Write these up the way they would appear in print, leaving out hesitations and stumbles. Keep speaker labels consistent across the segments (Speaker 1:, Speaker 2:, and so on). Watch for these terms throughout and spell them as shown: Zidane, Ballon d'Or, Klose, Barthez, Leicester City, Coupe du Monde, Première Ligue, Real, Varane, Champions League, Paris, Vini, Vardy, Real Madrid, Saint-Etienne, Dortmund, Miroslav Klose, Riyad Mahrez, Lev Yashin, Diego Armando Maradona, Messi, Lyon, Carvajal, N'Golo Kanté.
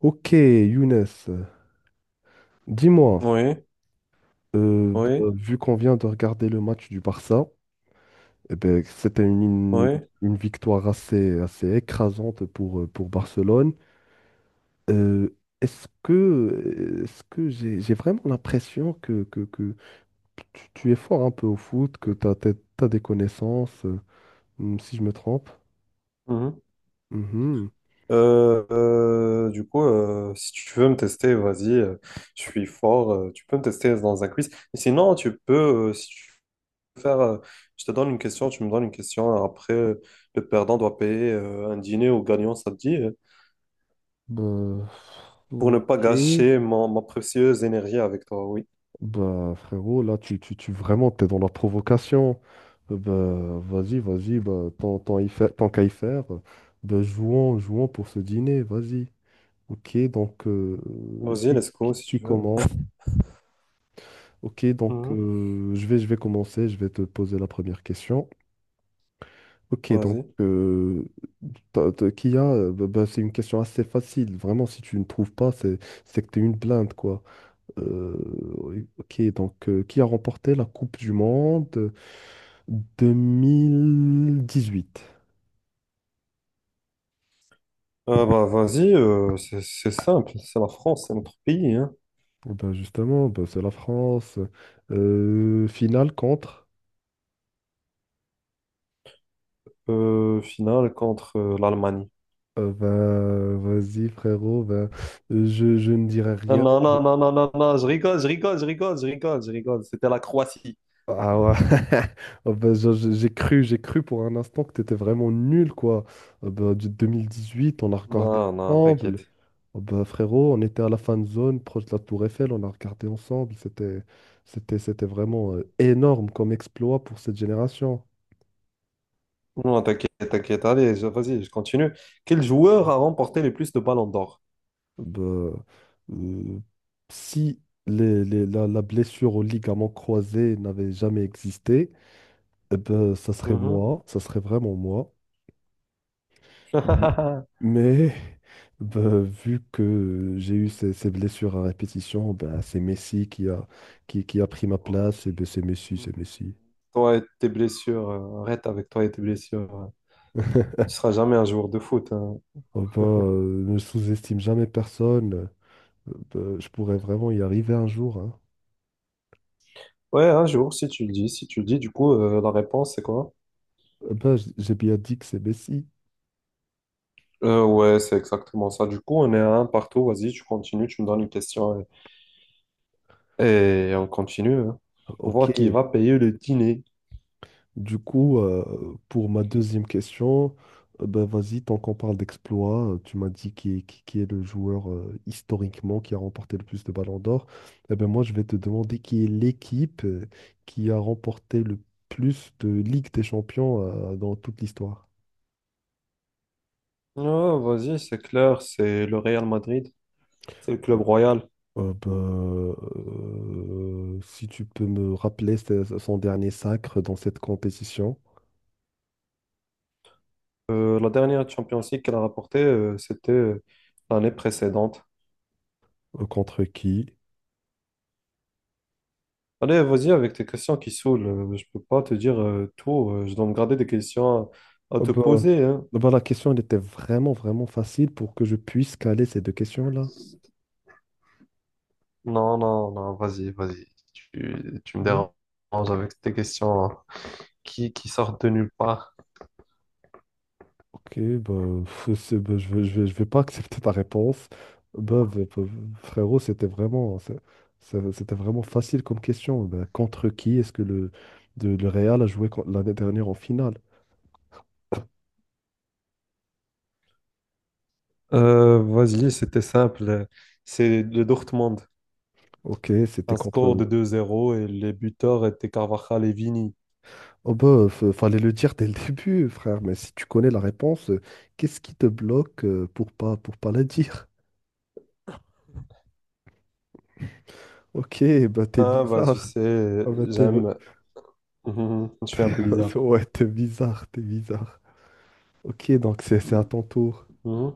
Speaker 1: Ok, Younes, dis-moi,
Speaker 2: Oui, oui,
Speaker 1: vu qu'on vient de regarder le match du Barça, eh ben, c'était
Speaker 2: oui.
Speaker 1: une victoire assez écrasante pour Barcelone. Euh, est-ce que j'ai vraiment l'impression que, que tu es fort un peu au foot, que tu as des connaissances, si je me trompe?
Speaker 2: Mhm.
Speaker 1: Mhm.
Speaker 2: Si tu veux me tester, vas-y, je suis fort. Tu peux me tester dans un quiz. Et sinon, tu peux, si tu veux faire, je te donne une question, tu me donnes une question, hein. Après, le perdant doit payer un dîner au gagnant, ça te dit,
Speaker 1: Bah,
Speaker 2: pour ne pas
Speaker 1: ok.
Speaker 2: gâcher ma précieuse énergie avec toi. Oui.
Speaker 1: Bah, frérot, là, tu vraiment, t'es dans la provocation. Bah, vas-y, bah, tant qu'à y faire, bah, jouons pour ce dîner, vas-y. Ok, donc,
Speaker 2: Vas-y,
Speaker 1: qui,
Speaker 2: let's go si
Speaker 1: qui
Speaker 2: tu veux.
Speaker 1: commence? Ok, donc,
Speaker 2: Mhm.
Speaker 1: je vais commencer, je vais te poser la première question. Ok, donc,
Speaker 2: Vas-y.
Speaker 1: qui a, bah, c'est une question assez facile. Vraiment, si tu ne trouves pas, c'est que t'es une blinde, quoi. Euh, oui, ok, donc, qui a remporté la Coupe du Monde 2018?
Speaker 2: Ah bah, vas-y, c'est simple. C'est la France, c'est notre pays, hein.
Speaker 1: Eh ben justement, ben c'est la France. Finale contre.
Speaker 2: Finale contre l'Allemagne.
Speaker 1: Ben, vas-y, frérot. Ben, je ne dirai
Speaker 2: Non,
Speaker 1: rien.
Speaker 2: non, non, non, non, non, je rigole, je rigole, je rigole, je rigole, je rigole. C'était la Croatie.
Speaker 1: Ah ouais. Oh ben, j'ai cru pour un instant que t'étais vraiment nul, quoi. Oh ben, du 2018, on a regardé
Speaker 2: Non, non, t'inquiète.
Speaker 1: ensemble. Oh ben, frérot, on était à la fan zone, proche de la Tour Eiffel, on a regardé ensemble. C'était vraiment énorme comme exploit pour cette génération.
Speaker 2: Non, t'inquiète, t'inquiète. Allez, vas-y, je continue. Quel joueur a remporté le plus de ballons d'or?
Speaker 1: Ben, euh, si la blessure au ligament croisé n'avait jamais existé, eh ben, ça serait
Speaker 2: Mhm.
Speaker 1: moi, ça serait vraiment moi. M- Mais ben, vu que j'ai eu ces blessures à répétition, ben, c'est Messi qui a, qui a pris ma place, et ben, c'est Messi.
Speaker 2: Toi et tes blessures, arrête avec toi et tes blessures. Tu seras jamais un joueur de foot, hein.
Speaker 1: Oh ben, ne sous-estime jamais personne. Ben, je pourrais vraiment y arriver un jour, hein.
Speaker 2: Ouais, un jour, si tu le dis, si tu le dis, la réponse, c'est quoi?
Speaker 1: J'ai bien dit que c'est Messi.
Speaker 2: Ouais, c'est exactement ça. Du coup, on est à un partout. Vas-y, tu continues, tu me donnes une question, et on continue, hein, pour
Speaker 1: Ok.
Speaker 2: voir qui va payer le dîner.
Speaker 1: Du coup, pour ma deuxième question, ben vas-y, tant qu'on parle d'exploit, tu m'as dit qui est le joueur historiquement qui a remporté le plus de ballons d'or. Eh ben moi, je vais te demander qui est l'équipe qui a remporté le plus de Ligue des Champions dans toute l'histoire.
Speaker 2: Non, vas-y, c'est clair, c'est le Real Madrid, c'est le club royal.
Speaker 1: Si tu peux me rappeler son dernier sacre dans cette compétition,
Speaker 2: La dernière Champions League qu'elle a rapportée, c'était l'année précédente.
Speaker 1: contre qui?
Speaker 2: Allez, vas-y avec tes questions qui saoulent. Je peux pas te dire tout. Je dois me garder des questions à
Speaker 1: Oh
Speaker 2: te poser, hein.
Speaker 1: bah, la question, elle était vraiment facile pour que je puisse caler ces deux questions-là.
Speaker 2: Non, non, non, vas-y, vas-y. Tu me
Speaker 1: Hmm,
Speaker 2: déranges avec tes questions, hein, qui sortent de nulle part.
Speaker 1: ok, bah, pff, bah, je vais pas accepter ta réponse. Bah, frérot, c'était vraiment facile comme question. Bah, contre qui est-ce que le Real a joué l'année dernière en finale?
Speaker 2: Vas-y, c'était simple. C'est le Dortmund.
Speaker 1: Ok, c'était
Speaker 2: Un
Speaker 1: contre...
Speaker 2: score de 2-0 et les buteurs étaient Carvajal et Vini.
Speaker 1: Oh bah, fallait le dire dès le début, frère, mais si tu connais la réponse, qu'est-ce qui te bloque pour pas la dire? Ok, bah t'es
Speaker 2: Ah, bah, tu
Speaker 1: bizarre.
Speaker 2: sais,
Speaker 1: Ah bah,
Speaker 2: j'aime. Mhm. Je suis un peu bizarre.
Speaker 1: Ouais, t'es bizarre. Ok, donc c'est à ton tour.
Speaker 2: Mhm.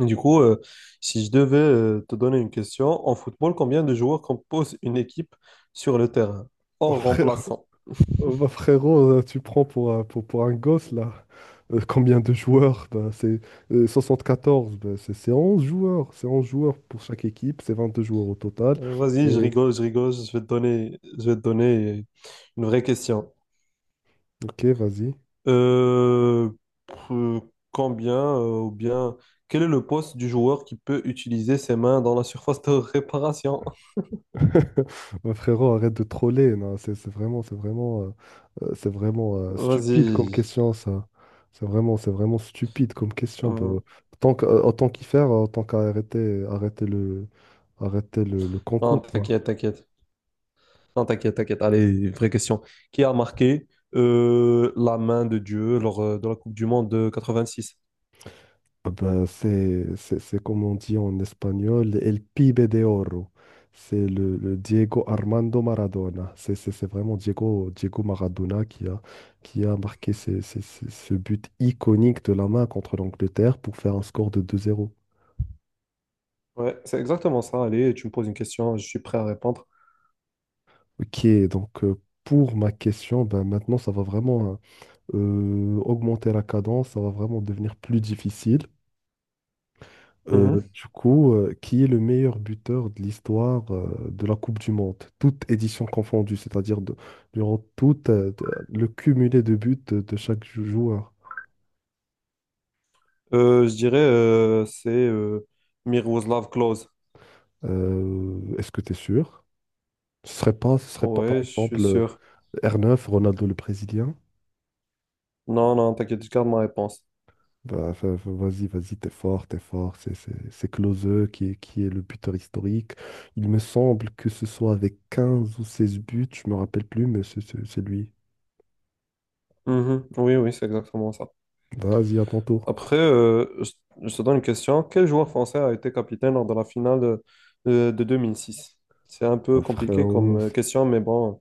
Speaker 2: Du coup, si je devais te donner une question, en football, combien de joueurs composent une équipe sur le terrain,
Speaker 1: Oh,
Speaker 2: hors
Speaker 1: frère...
Speaker 2: remplaçant?
Speaker 1: oh, bah, frérot, tu prends pour, pour un gosse, là. Combien de joueurs? Bah, c'est 11 joueurs. C'est 11 joueurs pour chaque équipe, c'est 22 joueurs au total.
Speaker 2: Vas-y, je
Speaker 1: Et...
Speaker 2: rigole, je rigole, je vais te donner, je vais te donner une vraie question.
Speaker 1: Ok, vas-y.
Speaker 2: Euh, pr- Combien ou bien quel est le poste du joueur qui peut utiliser ses mains dans la surface de réparation?
Speaker 1: Mon frérot, arrête de troller. Non, c'est vraiment stupide comme
Speaker 2: Vas-y.
Speaker 1: question, ça. C'est vraiment stupide comme question. Bah,
Speaker 2: Euh,
Speaker 1: Tant que- autant qu'y faire, autant qu'à arrêter le
Speaker 2: non,
Speaker 1: concours, quoi.
Speaker 2: t'inquiète, t'inquiète. Non, t'inquiète, t'inquiète. Allez, vraie question. Qui a marqué la main de Dieu lors de la Coupe du Monde de quatre-vingt-six?
Speaker 1: Ah ben, c'est comme on dit en espagnol, El Pibe de Oro. C'est le Diego Armando Maradona. C'est vraiment Diego Maradona qui a marqué ce but iconique de la main contre l'Angleterre pour faire un score de deux zéro.
Speaker 2: Ouais, c'est exactement ça. Allez, tu me poses une question, je suis prêt à répondre.
Speaker 1: Ok, donc pour ma question, ben maintenant ça va vraiment hein, augmenter la cadence, ça va vraiment devenir plus difficile.
Speaker 2: Mhm.
Speaker 1: Qui est le meilleur buteur de l'histoire de la Coupe du Monde, toute édition confondue, durant tout le cumulé de buts de chaque joueur.
Speaker 2: Je dirais c'est Miroslav Klose.
Speaker 1: Est-ce que tu es sûr? Ce serait pas par
Speaker 2: Ouais, je suis
Speaker 1: exemple
Speaker 2: sûr.
Speaker 1: R9, Ronaldo le Brésilien?
Speaker 2: Non, non, t'inquiète, je garde ma réponse.
Speaker 1: Bah, vas-y, vas-y, t'es fort. C'est Klose qui est le buteur historique. Il me semble que ce soit avec 15 ou 16 buts, je me rappelle plus, mais c'est lui.
Speaker 2: Mhm. Oui, oui, c'est exactement ça.
Speaker 1: Vas-y, à ton tour.
Speaker 2: Après, euh, je, je te donne une question. Quel joueur français a été capitaine lors de la finale de, de deux mille six? C'est un peu
Speaker 1: Ouais,
Speaker 2: compliqué comme
Speaker 1: frérot,
Speaker 2: question, mais bon,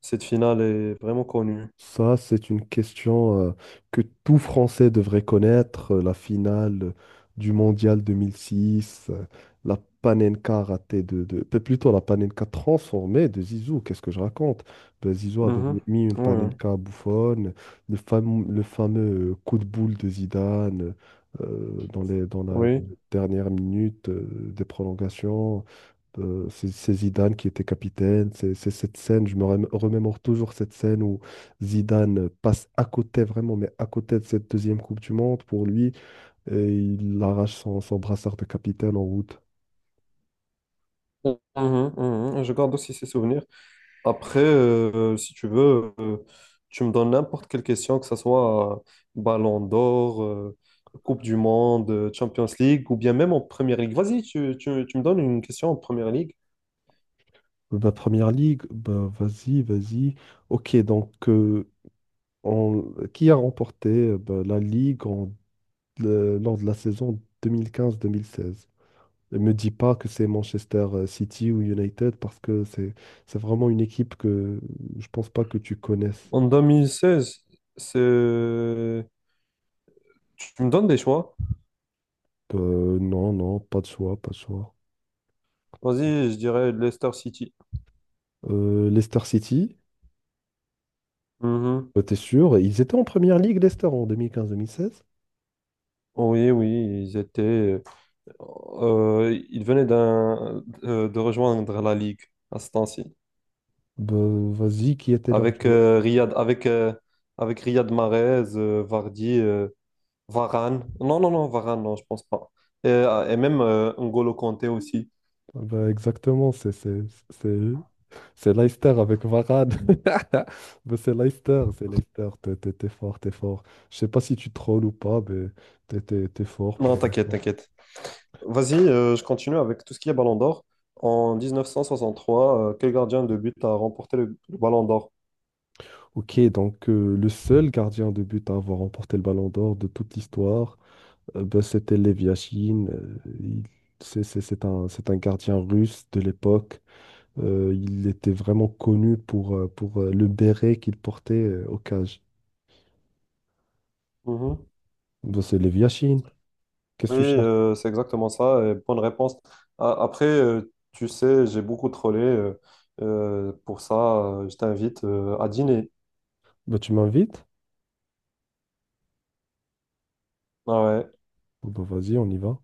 Speaker 2: cette finale est vraiment connue.
Speaker 1: ça c'est une question que tout Français devrait connaître, la finale du Mondial 2006, la Panenka ratée plutôt la Panenka transformée de Zizou, qu'est-ce que je raconte? Ben, Zizou avait
Speaker 2: Mhm.
Speaker 1: mis une
Speaker 2: Oui,
Speaker 1: Panenka bouffonne, le fameux coup de boule de Zidane dans la
Speaker 2: oui.
Speaker 1: dernière minute des prolongations. C'est Zidane qui était capitaine. C'est cette scène, je me remémore toujours cette scène où Zidane passe à côté, vraiment, mais à côté de cette deuxième Coupe du Monde pour lui, et il arrache son, son brassard de capitaine en route.
Speaker 2: Mhm, mhm. Je garde aussi ces souvenirs. Après, si tu veux, tu me donnes n'importe quelle question, que ce soit Ballon d'Or, Coupe du Monde, Champions League, ou bien même en Première Ligue. Vas-y, tu me donnes une question en Première Ligue.
Speaker 1: Bah, première ligue, bah, vas-y, vas-y. Ok, donc en- qui a remporté ben, la Ligue lors de la saison deux mille quinze mille seize? Ne me dis pas que c'est Manchester City ou United parce que c'est vraiment une équipe que je pense pas que tu connaisses.
Speaker 2: En 2016, c'est... Tu me donnes des choix?
Speaker 1: Non, pas de choix, pas de choix.
Speaker 2: Vas-y, je dirais Leicester City.
Speaker 1: Leicester City,
Speaker 2: Mhm.
Speaker 1: bah, t'es sûr? Ils étaient en première ligue, Leicester, en 2015-2016.
Speaker 2: Oui, oui, ils étaient... ils venaient de rejoindre la Ligue à ce temps-ci.
Speaker 1: Bah, vas-y, qui était leur
Speaker 2: Avec,
Speaker 1: joueur?
Speaker 2: Riyad, avec, avec Riyad Mahrez, Vardy, Varane. Non, non, non, Varane, non, je pense pas. Et même N'Golo Kanté aussi.
Speaker 1: Ah bah, exactement, c'est- c'est Leicester avec Varane. Mais c'est Leicester, t'es fort, t'es fort. Je sais pas si tu trolls ou pas, mais t'es fort
Speaker 2: Non,
Speaker 1: pour
Speaker 2: t'inquiète,
Speaker 1: l'instant.
Speaker 2: t'inquiète. Vas-y, je continue avec tout ce qui est Ballon d'Or. En 1963, quel gardien de but a remporté le Ballon d'Or?
Speaker 1: Ok, donc le seul gardien de but à avoir remporté le Ballon d'Or de toute l'histoire, bah, c'était Lev Yashin. Euh, c'est un gardien russe de l'époque. Il était vraiment connu pour, le béret qu'il portait au cage.
Speaker 2: Mhm.
Speaker 1: Bah, c'est Lev Yashin. Qu'est-ce que
Speaker 2: Oui,
Speaker 1: tu cherches?
Speaker 2: c'est exactement ça, et bonne réponse. Après, tu sais, j'ai beaucoup trollé, pour ça, je t'invite à dîner.
Speaker 1: Bah, tu m'invites?
Speaker 2: Ah ouais.
Speaker 1: Bon, bah, vas-y, on y va.